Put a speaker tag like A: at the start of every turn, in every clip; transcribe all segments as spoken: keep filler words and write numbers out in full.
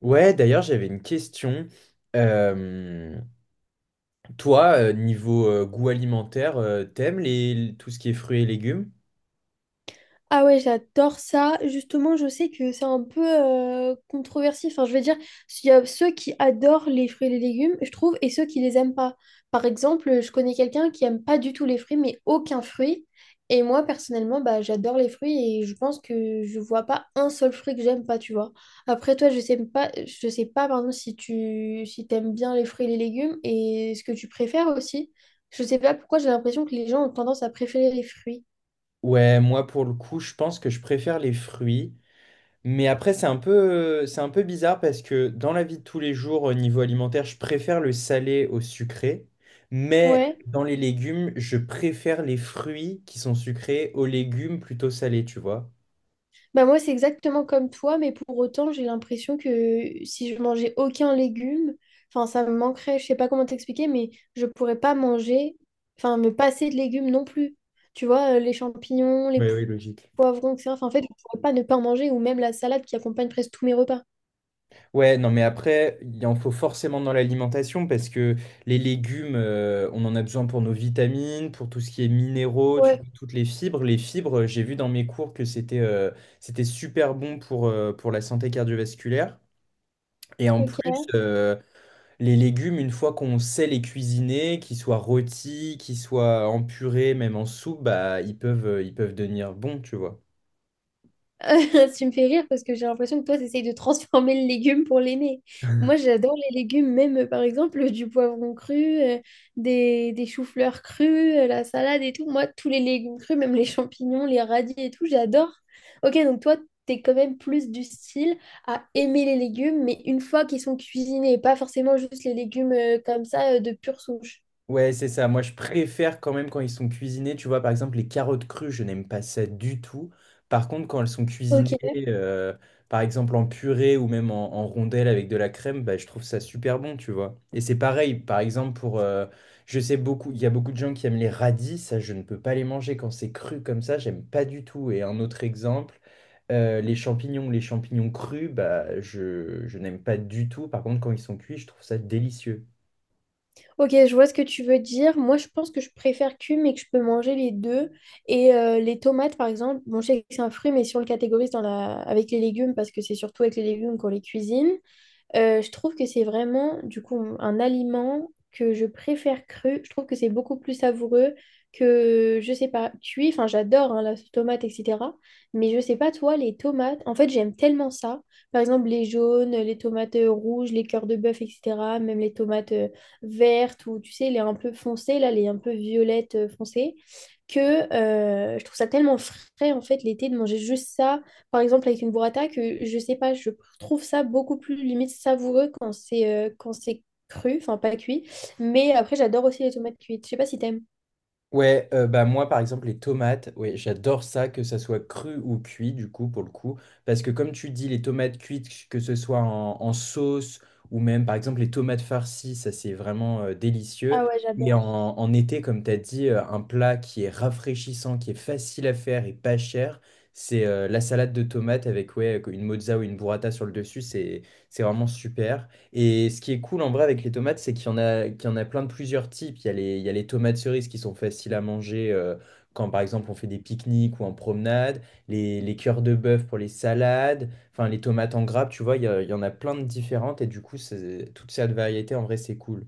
A: Ouais, d'ailleurs, j'avais une question. Euh, Toi, euh, niveau euh, goût alimentaire, euh, t'aimes les, l- tout ce qui est fruits et légumes?
B: Ah ouais, j'adore ça. Justement, je sais que c'est un peu euh, controversé. Enfin, je veux dire, il y a ceux qui adorent les fruits et les légumes, je trouve, et ceux qui les aiment pas. Par exemple, je connais quelqu'un qui aime pas du tout les fruits, mais aucun fruit. Et moi, personnellement, bah, j'adore les fruits et je pense que je vois pas un seul fruit que j'aime pas, tu vois. Après, toi, je sais pas, je sais pas, pardon, si tu si t'aimes bien les fruits et les légumes et ce que tu préfères aussi. Je sais pas pourquoi j'ai l'impression que les gens ont tendance à préférer les fruits.
A: Ouais, moi, pour le coup, je pense que je préfère les fruits. Mais après, c'est un peu, euh, c'est un peu bizarre parce que dans la vie de tous les jours, au niveau alimentaire, je préfère le salé au sucré. Mais
B: Ouais.
A: dans les légumes, je préfère les fruits qui sont sucrés aux légumes plutôt salés, tu vois?
B: Bah moi, c'est exactement comme toi, mais pour autant, j'ai l'impression que si je mangeais aucun légume, enfin, ça me manquerait, je sais pas comment t'expliquer, mais je pourrais pas manger, enfin, me passer de légumes non plus. Tu vois, euh, les champignons, les
A: Oui,
B: po-
A: oui, logique.
B: poivrons, et cetera. Enfin, en fait, je pourrais pas ne pas en manger, ou même la salade qui accompagne presque tous mes repas.
A: Ouais, non, mais après, il en faut forcément dans l'alimentation parce que les légumes, euh, on en a besoin pour nos vitamines, pour tout ce qui est minéraux, tu
B: Ouais,
A: vois, toutes les fibres. Les fibres, j'ai vu dans mes cours que c'était euh, c'était super bon pour, euh, pour la santé cardiovasculaire. Et en plus,
B: ok.
A: euh, les légumes, une fois qu'on sait les cuisiner, qu'ils soient rôtis, qu'ils soient en purée, même en soupe, bah, ils peuvent, euh, ils peuvent devenir bons, tu vois.
B: Tu me fais rire parce que j'ai l'impression que toi, tu essayes de transformer le légume pour l'aimer. Moi, j'adore les légumes, même euh, par exemple euh, du poivron cru, euh, des, des choux-fleurs crus, euh, la salade et tout. Moi, tous les légumes crus, même les champignons, les radis et tout, j'adore. Ok, donc toi, t'es quand même plus du style à aimer les légumes, mais une fois qu'ils sont cuisinés, pas forcément juste les légumes euh, comme ça euh, de pure souche.
A: Ouais, c'est ça. Moi, je préfère quand même quand ils sont cuisinés. Tu vois, par exemple, les carottes crues, je n'aime pas ça du tout. Par contre, quand elles sont
B: Ok,
A: cuisinées, euh, par exemple en purée ou même en, en rondelles avec de la crème, bah, je trouve ça super bon, tu vois. Et c'est pareil, par exemple, pour, euh, je sais beaucoup, il y a beaucoup de gens qui aiment les radis. Ça, je ne peux pas les manger quand c'est cru comme ça. J'aime pas du tout. Et un autre exemple, euh, les champignons, les champignons crus, bah, je, je n'aime pas du tout. Par contre, quand ils sont cuits, je trouve ça délicieux.
B: Ok, je vois ce que tu veux dire. Moi, je pense que je préfère cuit, mais que je peux manger les deux. Et euh, les tomates, par exemple, bon, je sais que c'est un fruit, mais si on le catégorise dans la avec les légumes, parce que c'est surtout avec les légumes qu'on les cuisine, euh, je trouve que c'est vraiment, du coup, un aliment que je préfère cru. Je trouve que c'est beaucoup plus savoureux que, je sais pas, cuit. Enfin, j'adore hein, la sauce tomate, et cetera. Mais je sais pas, toi, les tomates, en fait, j'aime tellement ça. Par exemple, les jaunes, les tomates euh, rouges, les cœurs de bœuf, et cetera. Même les tomates euh, vertes ou, tu sais, les un peu foncées, là, les un peu violettes euh, foncées. Que euh, Je trouve ça tellement frais, en fait, l'été, de manger juste ça par exemple, avec une burrata, que je sais pas, je trouve ça beaucoup plus limite savoureux quand c'est euh, quand c'est cru, enfin pas cuit. Mais après, j'adore aussi les tomates cuites. Je sais pas si t'aimes.
A: Ouais, euh, bah moi par exemple les tomates, ouais, j'adore ça, que ça soit cru ou cuit du coup pour le coup, parce que comme tu dis les tomates cuites, que ce soit en, en sauce ou même par exemple les tomates farcies, ça c'est vraiment euh, délicieux.
B: Ah ouais,
A: Et en,
B: j'adore.
A: en été, comme tu as dit, euh, un plat qui est rafraîchissant, qui est facile à faire et pas cher, c'est euh, la salade de tomates avec ouais, une mozza ou une burrata sur le dessus, c'est c'est vraiment super. Et ce qui est cool en vrai avec les tomates, c'est qu'il y en a, qu'il y en a plein de plusieurs types. Il y a les, il y a les tomates cerises qui sont faciles à manger euh, quand par exemple on fait des pique-niques ou en promenade, les, les cœurs de bœuf pour les salades, enfin les tomates en grappe, tu vois, il y, a- il y en a plein de différentes et du coup, c'est- toute cette variété en vrai, c'est cool.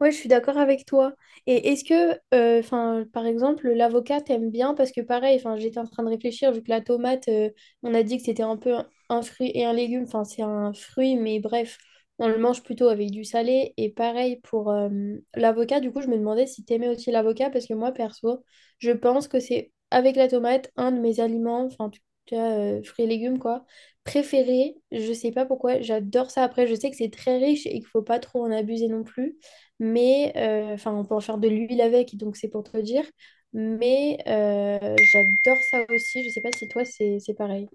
B: Ouais, je suis d'accord avec toi. Et est-ce que, euh, enfin, par exemple, l'avocat t'aime bien parce que pareil, enfin, j'étais en train de réfléchir vu que la tomate, euh, on a dit que c'était un peu un, un fruit et un légume. Enfin, c'est un fruit, mais bref, on le mange plutôt avec du salé. Et pareil pour euh, l'avocat. Du coup, je me demandais si t'aimais aussi l'avocat parce que moi, perso, je pense que c'est avec la tomate un de mes aliments, enfin, en tout cas, euh, fruits et légumes quoi, préférés. Je sais pas pourquoi, j'adore ça. Après, je sais que c'est très riche et qu'il faut pas trop en abuser non plus. Mais, euh, enfin, on peut en faire de l'huile avec, donc c'est pour te dire. Mais euh, j'adore ça aussi. Je sais pas si toi, c'est c'est pareil.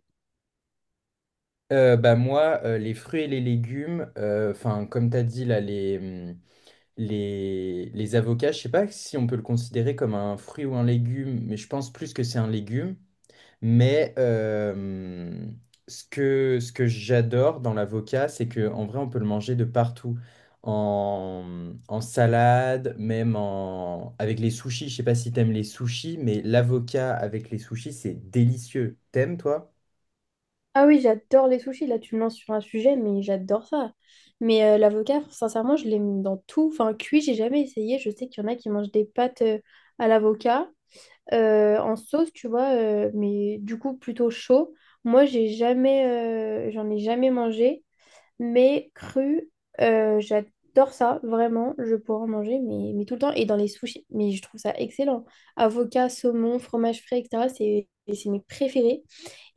A: Euh, bah moi, euh, les fruits et les légumes, euh, enfin comme tu as dit là, les, hum, les, les avocats, je sais pas si on peut le considérer comme un fruit ou un légume, mais je pense plus que c'est un légume. Mais euh, ce que, ce que j'adore dans l'avocat, c'est que en vrai, on peut le manger de partout. En, en salade, même en, avec les sushis. Je sais pas si t'aimes les sushis, mais l'avocat avec les sushis, c'est délicieux. T'aimes, toi?
B: Ah oui, j'adore les sushis. Là, tu me lances sur un sujet, mais j'adore ça. Mais euh, l'avocat, sincèrement, je l'aime dans tout. Enfin, cuit, j'ai jamais essayé. Je sais qu'il y en a qui mangent des pâtes euh, à l'avocat euh, en sauce, tu vois, euh, mais du coup, plutôt chaud. Moi, j'ai jamais, euh, j'en ai jamais mangé. Mais cru, euh, j'adore ça, vraiment. Je pourrais en manger, mais, mais tout le temps. Et dans les sushis, mais je trouve ça excellent. Avocat, saumon, fromage frais, et cetera. C'est c'est mes préférés.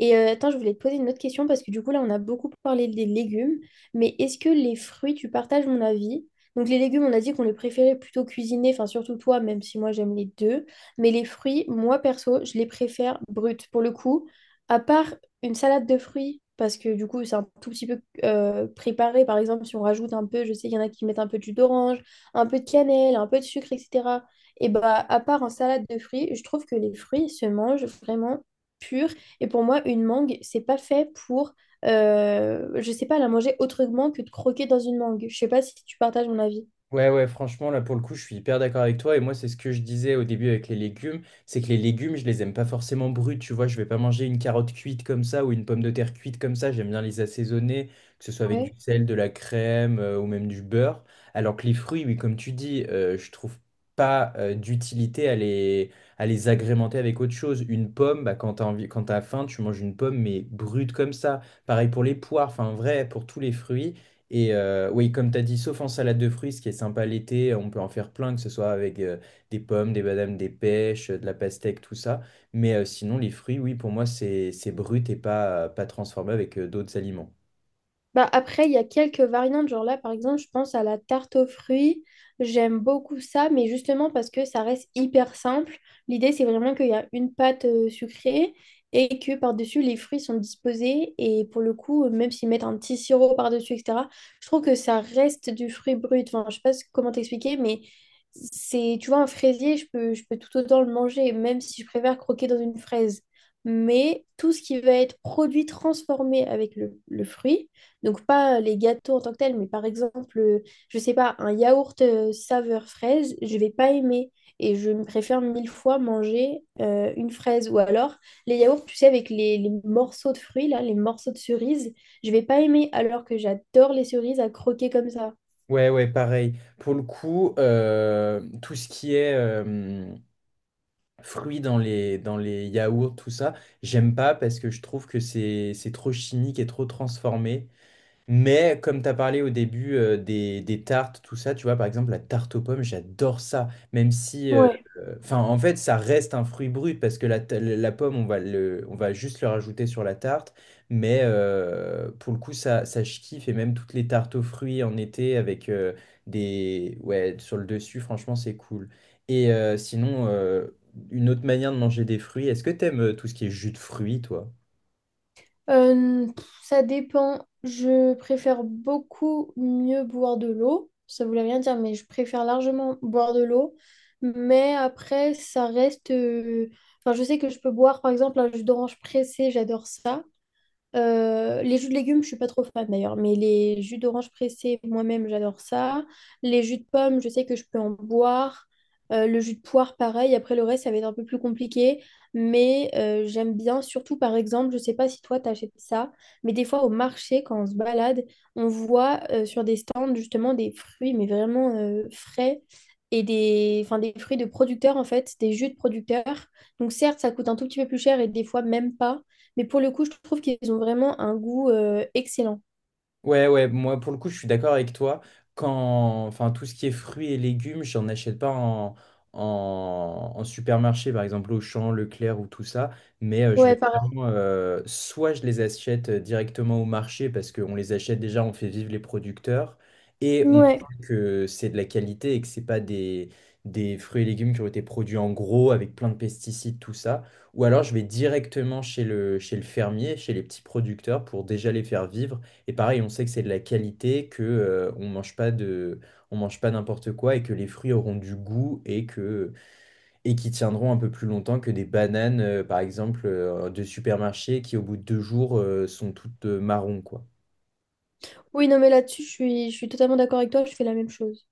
B: Et euh, attends, je voulais te poser une autre question parce que du coup, là, on a beaucoup parlé des légumes. Mais est-ce que les fruits, tu partages mon avis? Donc les légumes, on a dit qu'on les préférait plutôt cuisinés, enfin surtout toi, même si moi j'aime les deux. Mais les fruits, moi perso, je les préfère bruts. Pour le coup, à part une salade de fruits, parce que du coup, c'est un tout petit peu euh, préparé. Par exemple, si on rajoute un peu, je sais qu'il y en a qui mettent un peu de jus d'orange, un peu de cannelle, un peu de sucre, et cetera. Et bah, à part en salade de fruits, je trouve que les fruits se mangent vraiment purs. Et pour moi, une mangue, c'est pas fait pour, euh, je sais pas, la manger autrement que de croquer dans une mangue. Je sais pas si tu partages mon avis.
A: Ouais, ouais, franchement, là, pour le coup, je suis hyper d'accord avec toi. Et moi, c'est ce que je disais au début avec les légumes, c'est que les légumes, je les aime pas forcément bruts, tu vois. Je vais pas manger une carotte cuite comme ça ou une pomme de terre cuite comme ça. J'aime bien les assaisonner, que ce soit avec du sel, de la crème euh, ou même du beurre. Alors que les fruits, oui, comme tu dis, euh, je trouve pas euh, d'utilité à les, à les agrémenter avec autre chose. Une pomme, bah, quand t'as envie, quand t'as faim, tu manges une pomme, mais brute comme ça. Pareil pour les poires, enfin, en vrai, pour tous les fruits. Et euh, oui, comme tu as dit, sauf en salade de fruits, ce qui est sympa l'été, on peut en faire plein, que ce soit avec euh, des pommes, des badames, des pêches, euh, de la pastèque, tout ça. Mais euh, sinon, les fruits, oui, pour moi, c'est c'est brut et pas, pas transformé avec euh, d'autres aliments.
B: Bah après, il y a quelques variantes. Genre là, par exemple, je pense à la tarte aux fruits. J'aime beaucoup ça, mais justement parce que ça reste hyper simple. L'idée, c'est vraiment qu'il y a une pâte euh, sucrée et que par-dessus, les fruits sont disposés. Et pour le coup, euh, même s'ils mettent un petit sirop par-dessus, et cetera, je trouve que ça reste du fruit brut. Enfin, je sais pas comment t'expliquer, mais c'est, tu vois, un fraisier, je peux, je peux tout autant le manger, même si je préfère croquer dans une fraise. Mais tout ce qui va être produit transformé avec le le fruit, donc pas euh, les gâteaux en tant que tels, mais par exemple, euh, je sais pas, un yaourt euh, saveur fraise, je vais pas aimer. Et je me préfère mille fois manger euh, une fraise. Ou alors, les yaourts, tu sais, avec les, les morceaux de fruits, là, les morceaux de cerises, je vais pas aimer, alors que j'adore les cerises à croquer comme ça.
A: Ouais, ouais, pareil. Pour le coup, euh, tout ce qui est euh, fruits dans les, dans les yaourts, tout ça, j'aime pas parce que je trouve que c'est c'est trop chimique et trop transformé. Mais comme tu as parlé au début euh, des, des tartes, tout ça, tu vois, par exemple, la tarte aux pommes, j'adore ça. Même si, euh,
B: Ouais.
A: euh, enfin, en fait, ça reste un fruit brut parce que la, ta- la pomme, on va le, on va juste le rajouter sur la tarte. Mais euh, pour le coup, ça, ça, je kiffe. Et même toutes les tartes aux fruits en été avec euh, des, ouais, sur le dessus, franchement, c'est cool. Et euh, sinon, euh, une autre manière de manger des fruits, est-ce que t'aimes euh, tout ce qui est jus de fruits, toi?
B: Euh, pff, ça dépend. Je préfère beaucoup mieux boire de l'eau. Ça voulait rien dire, mais je préfère largement boire de l'eau. Mais après, ça reste euh, enfin, je sais que je peux boire, par exemple, un jus d'orange pressé, j'adore ça. Euh, les jus de légumes, je suis pas trop fan d'ailleurs, mais les jus d'orange pressés, moi-même, j'adore ça. Les jus de pommes, je sais que je peux en boire. Euh, le jus de poire, pareil. Après, le reste, ça va être un peu plus compliqué, mais euh, j'aime bien. Surtout, par exemple, je sais pas si toi, t'achètes ça, mais des fois, au marché, quand on se balade, on voit euh, sur des stands, justement, des fruits, mais vraiment euh, frais. Et des, enfin, des fruits de producteurs, en fait, des jus de producteurs. Donc, certes, ça coûte un tout petit peu plus cher et des fois même pas. Mais pour le coup, je trouve qu'ils ont vraiment un goût euh, excellent.
A: Ouais, ouais, moi pour le coup, je suis d'accord avec toi. Quand, enfin, tout ce qui est fruits et légumes, j'en achète pas en, en, en supermarché, par exemple Auchan, Leclerc ou tout ça. Mais euh, je
B: Ouais,
A: vais
B: pareil.
A: vraiment, euh, soit je les achète euh, directement au marché parce qu'on les achète déjà, on fait vivre les producteurs et on
B: Ouais.
A: sait que c'est de la qualité et que c'est pas des, des fruits et légumes qui ont été produits en gros avec plein de pesticides, tout ça. Ou alors je vais directement chez le, chez le fermier, chez les petits producteurs pour déjà les faire vivre et pareil, on sait que c'est de la qualité, que euh, on mange pas de, on mange pas n'importe quoi et que les fruits auront du goût et que et qui tiendront un peu plus longtemps que des bananes, euh, par exemple, euh, de supermarché qui au bout de deux jours euh, sont toutes euh, marron, quoi.
B: Oui, non, mais là-dessus, je suis, je suis totalement d'accord avec toi, je fais la même chose.